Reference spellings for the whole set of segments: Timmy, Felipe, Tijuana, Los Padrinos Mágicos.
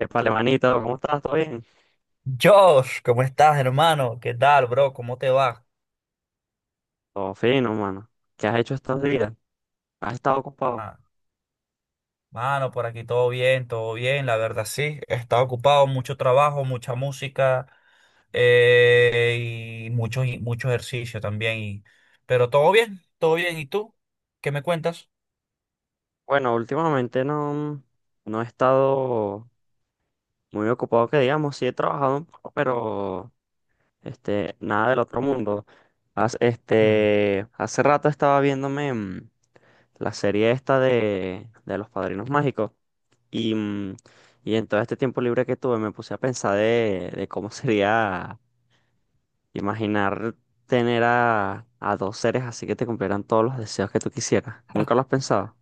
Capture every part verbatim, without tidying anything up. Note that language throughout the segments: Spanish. Épale, manito, ¿cómo estás? ¿Todo bien? Josh, ¿cómo estás, hermano? ¿Qué tal, bro? ¿Cómo te va? Todo fino, mano. ¿Qué has hecho estos días? ¿Has estado ocupado? Ah, mano, por aquí todo bien, todo bien, la verdad sí. He estado ocupado, mucho trabajo, mucha música eh, y mucho, y mucho ejercicio también. Y- pero todo bien, todo bien. ¿Y tú? ¿Qué me cuentas? Bueno, últimamente no, no he estado muy ocupado, que digamos. Sí he trabajado un poco, pero este, nada del otro mundo. Hace, Mm. este, hace rato estaba viéndome mm, la serie esta de, de Los Padrinos Mágicos y, mm, y en todo este tiempo libre que tuve me puse a pensar de, de cómo sería. Imaginar tener a, a dos seres así que te cumplieran todos los deseos que tú quisieras. ¿Nunca lo has pensado?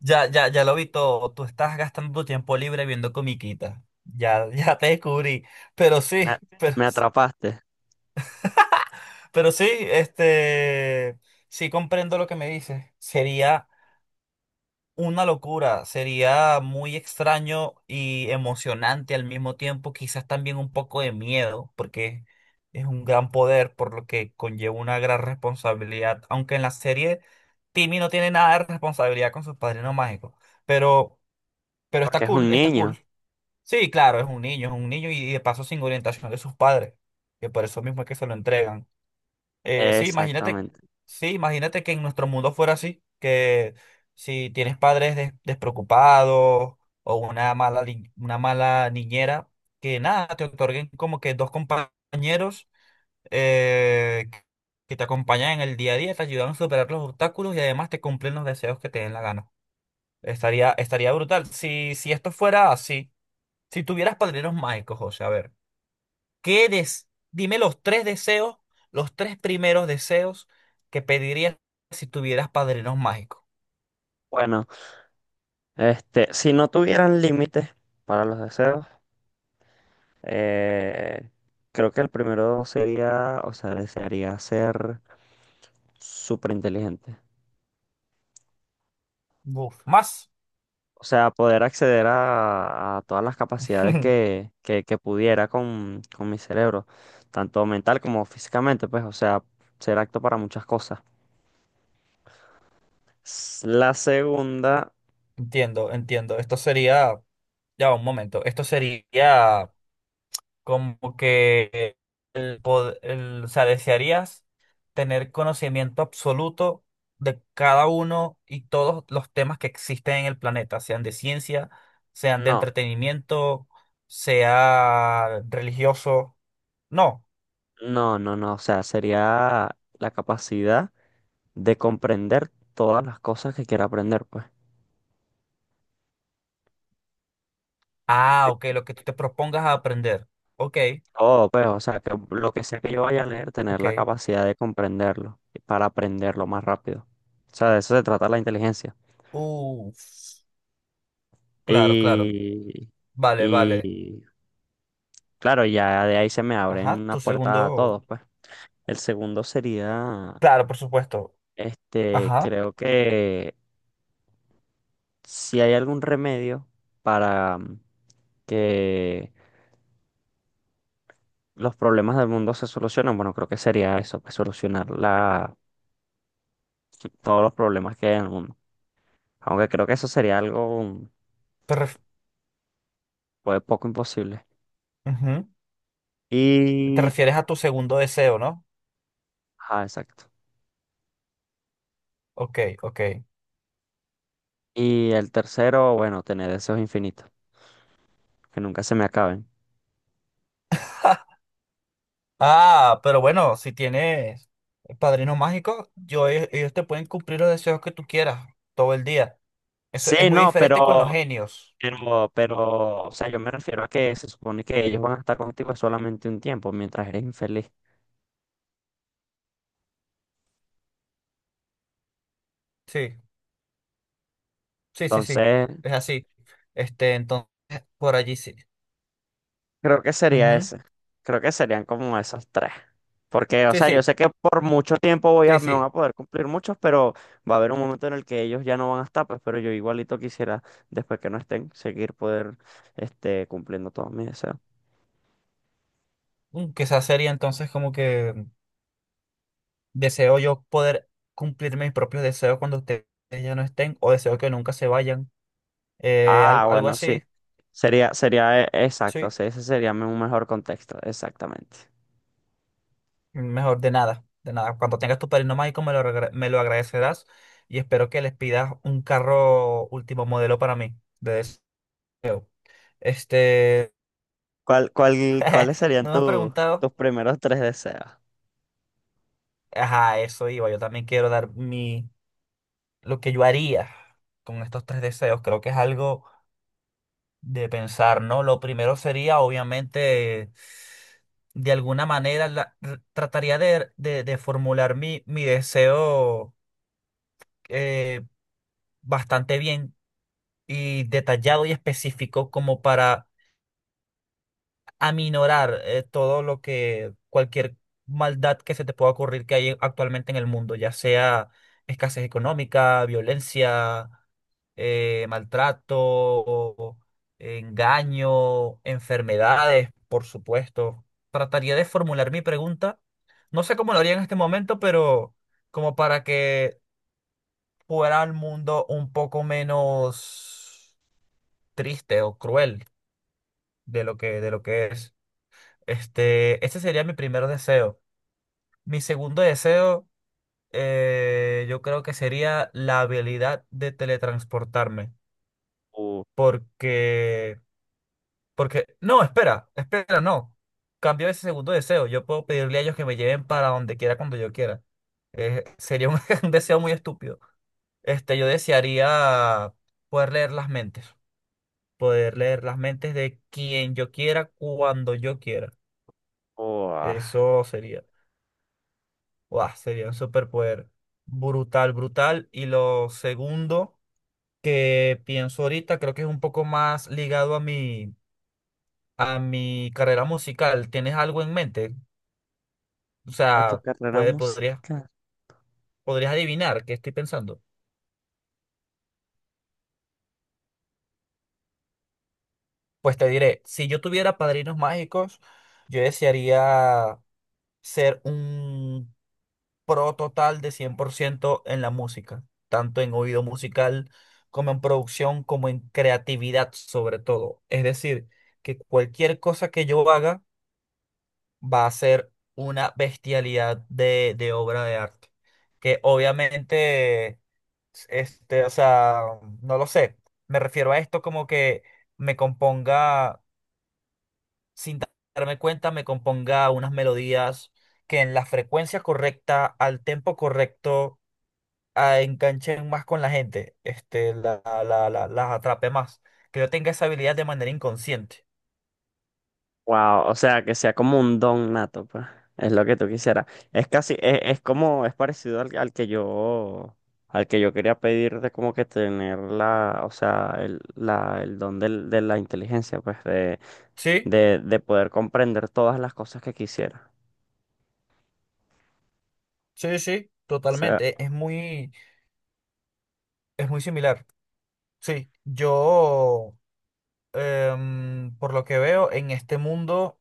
Ya, ya, ya lo vi todo. Tú estás gastando tu tiempo libre viendo comiquitas. Ya, ya te descubrí. Pero Me, sí, pero, me atrapaste, pero sí, este, sí comprendo lo que me dices. Sería una locura, sería muy extraño y emocionante al mismo tiempo, quizás también un poco de miedo, porque es un gran poder, por lo que conlleva una gran responsabilidad, aunque en la serie Timmy no tiene nada de responsabilidad con sus padrinos mágicos, pero, pero está porque es un cool, está niño. cool. Sí, claro, es un niño, es un niño y, y de paso sin orientación de sus padres, que por eso mismo es que se lo entregan. Eh, sí, imagínate, Exactamente. sí, imagínate que en nuestro mundo fuera así, que si tienes padres des- despreocupados o una mala, li- una mala niñera, que nada, te otorguen como que dos compañeros eh, que te acompañan en el día a día, te ayudan a superar los obstáculos y además te cumplen los deseos que te den la gana. Estaría, estaría brutal. Si, si esto fuera así, si tuvieras padrinos mágicos, José, a ver. ¿Qué des- Dime los tres deseos, los tres primeros deseos que pedirías si tuvieras padrinos mágicos. Bueno, este, si no tuvieran límites para los deseos, eh, creo que el primero sería, o sea, desearía ser súper inteligente. Buf. Más. O sea, poder acceder a, a todas las capacidades que, que, que pudiera con, con mi cerebro, tanto mental como físicamente, pues, o sea, ser apto para muchas cosas. S- La segunda, Entiendo, entiendo. Esto sería, ya va, un momento, esto sería como que el, pod- el- o sea, desearías tener conocimiento absoluto de cada uno y todos los temas que existen en el planeta, sean de ciencia, sean de no, entretenimiento, sea religioso. No. no, no, no, o sea, sería la capacidad de comprender todas las cosas que quiera aprender, pues. Ah, De ok, lo que tú te propongas a aprender. Ok, todo, pues, o sea, que lo que sea que yo vaya a leer, tener ok. la capacidad de comprenderlo y para aprenderlo más rápido. O sea, de eso se trata la inteligencia. Uf, claro, claro. Y, Vale, vale. y claro, ya de ahí se me abren Ajá, una tu puerta segundo. a todos, pues. El segundo sería, Claro, por supuesto. este, Ajá. creo que si hay algún remedio para mm, que los problemas del mundo se solucionen. Bueno, creo que sería eso, pues solucionar la, todos los problemas que hay en el mundo. Aunque creo que eso sería algo mm, Te ref- pues, poco imposible. ujú. Te Y, refieres a tu segundo deseo, ¿no? ah, exacto. Ok, ok. Y el tercero, bueno, tener deseos infinitos, que nunca se me acaben. Ah, pero bueno, si tienes padrino mágico, yo, ellos ellos te pueden cumplir los deseos que tú quieras todo el día. Eso es Sí, muy no, diferente con los pero, genios. pero, pero, o sea, yo me refiero a que se supone que ellos van a estar contigo solamente un tiempo mientras eres infeliz. Sí, sí, sí, sí. Entonces, Es así. Este, entonces, por allí sí. creo que sería ese. Creo que serían como esos tres. Porque, o Sí, sea, yo sí, sé que por mucho tiempo voy a, sí, me van sí. a poder cumplir muchos, pero va a haber un momento en el que ellos ya no van a estar, pues, pero yo igualito quisiera, después que no estén, seguir poder, este, cumpliendo todos mis deseos. Mm, quizás sería entonces como que deseo yo poder cumplir mis propios deseos cuando ustedes ya no estén o deseo que nunca se vayan. Eh, Ah, algo, algo bueno, sí. así, Sería, sería, eh, exacto, sí. sí, ese sería un mejor contexto, exactamente. Mejor de nada, de nada. Cuando tengas tu padrino mágico me lo, agra- me lo agradecerás y espero que les pidas un carro último modelo para mí de deseo. Este, ¿Cuál, cuál, ¿cuáles serían no me has tu- preguntado. tus primeros tres deseos? Ajá, eso iba. Yo también quiero dar mi, lo que yo haría con estos tres deseos. Creo que es algo de pensar, ¿no? Lo primero sería, obviamente, de alguna manera, la- r- trataría de, de- de formular mi, mi deseo eh, bastante bien y detallado y específico como para aminorar eh, todo lo que, cualquier maldad que se te pueda ocurrir que hay actualmente en el mundo, ya sea escasez económica, violencia. Eh, maltrato, engaño, enfermedades, por supuesto. Trataría de formular mi pregunta. No sé cómo lo haría en este momento, pero como para que fuera el mundo un poco menos triste o cruel de lo que, de lo que es. Este, este sería mi primer deseo. Mi segundo deseo, eh, yo creo que sería la habilidad de teletransportarme, Uh, porque porque, no, espera, espera, no. Cambió ese segundo deseo. Yo puedo pedirle a ellos que me lleven para donde quiera cuando yo quiera. Eh, sería un, un deseo muy estúpido. Este, yo desearía poder leer las mentes. Poder leer las mentes de quien yo quiera, cuando yo quiera. uh, ah, Eso sería. Guau, sería un superpoder brutal, brutal. Y lo segundo que pienso ahorita, creo que es un poco más ligado a mi, a mi carrera musical. ¿Tienes algo en mente? O a tu sea, carrera puede, podrías, musical. podrías adivinar qué estoy pensando. Pues te diré, si yo tuviera padrinos mágicos, yo desearía ser un pro total de cien por ciento en la música, tanto en oído musical como en producción, como en creatividad sobre todo. Es decir, que cualquier cosa que yo haga va a ser una bestialidad de, de obra de arte, que obviamente este, o sea, no lo sé. Me refiero a esto como que me componga, sin darme cuenta, me componga unas melodías que en la frecuencia correcta, al tempo correcto, ah, enganchen más con la gente. Este, la, la, la- las atrape más. Que yo tenga esa habilidad de manera inconsciente. Wow, o sea, que sea como un don nato, pues. Es lo que tú quisieras. Es casi, es, es como, es parecido al, al que yo, al que yo quería pedir de como que tener la, o sea, el, la, el don del- de la inteligencia, pues, de, Sí, de, de poder comprender todas las cosas que quisiera. sí, sí, totalmente. Es muy, es muy similar. Sí, yo, em, por lo que veo, en este mundo.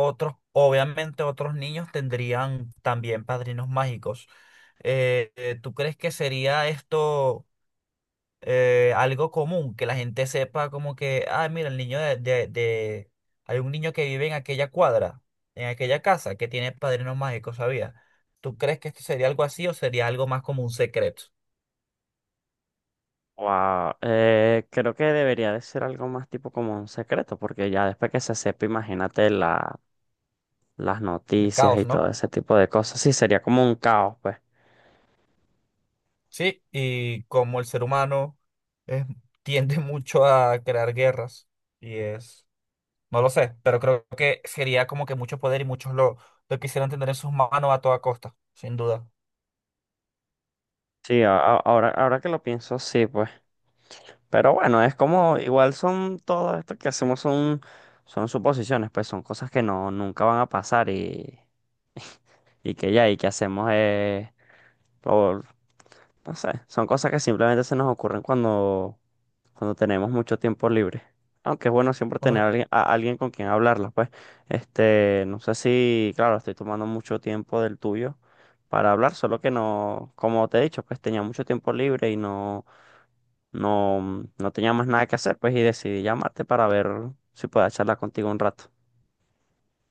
Otros, obviamente otros niños tendrían también padrinos mágicos. Eh, eh, ¿tú crees que sería esto eh, algo común? Que la gente sepa como que, ah, mira, el niño de, de, de- hay un niño que vive en aquella cuadra, en aquella casa, que tiene padrinos mágicos, ¿sabía? ¿Tú crees que esto sería algo así o sería algo más como un secreto? Wow, eh, creo que debería de ser algo más tipo como un secreto, porque ya después que se sepa, imagínate la, las El noticias caos, y todo ¿no? ese tipo de cosas, sí, sería como un caos, pues. Sí, y como el ser humano es- tiende mucho a crear guerras y es... No lo sé, pero creo que sería como que mucho poder y muchos lo, lo quisieran tener en sus manos a toda costa, sin duda. Sí, a- a- ahora, ahora que lo pienso, sí, pues. Pero bueno, es como, igual son todo esto que hacemos son, son suposiciones, pues son cosas que no, nunca van a pasar y, y que ya, y que hacemos es por, no sé, son cosas que simplemente se nos ocurren cuando, cuando tenemos mucho tiempo libre. Aunque es bueno siempre tener a Cuando... alguien, a alguien con quien hablarlas, pues. Este, no sé si, claro, estoy tomando mucho tiempo del tuyo para hablar, solo que no, como te he dicho, pues tenía mucho tiempo libre y no, no, no tenía más nada que hacer, pues, y decidí llamarte para ver si puedo charlar contigo un rato.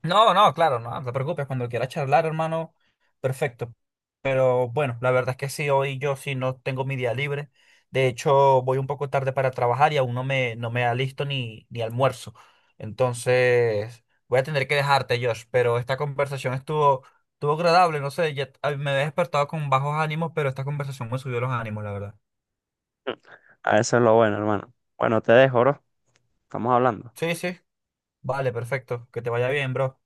No, no, claro, no, no te preocupes, cuando quieras charlar, hermano, perfecto. Pero bueno, la verdad es que sí, hoy yo sí no tengo mi día libre. De hecho, voy un poco tarde para trabajar y aún no me, no me alisto ni, ni almuerzo. Entonces, voy a tener que dejarte, Josh, pero esta conversación estuvo, estuvo agradable, no sé, ya- a- me he despertado con bajos ánimos, pero esta conversación me subió los ánimos, la verdad. A eso es lo bueno, hermano. Bueno, te dejo, bro. Estamos hablando. Sí, sí. Vale, perfecto. Que te vaya bien, bro.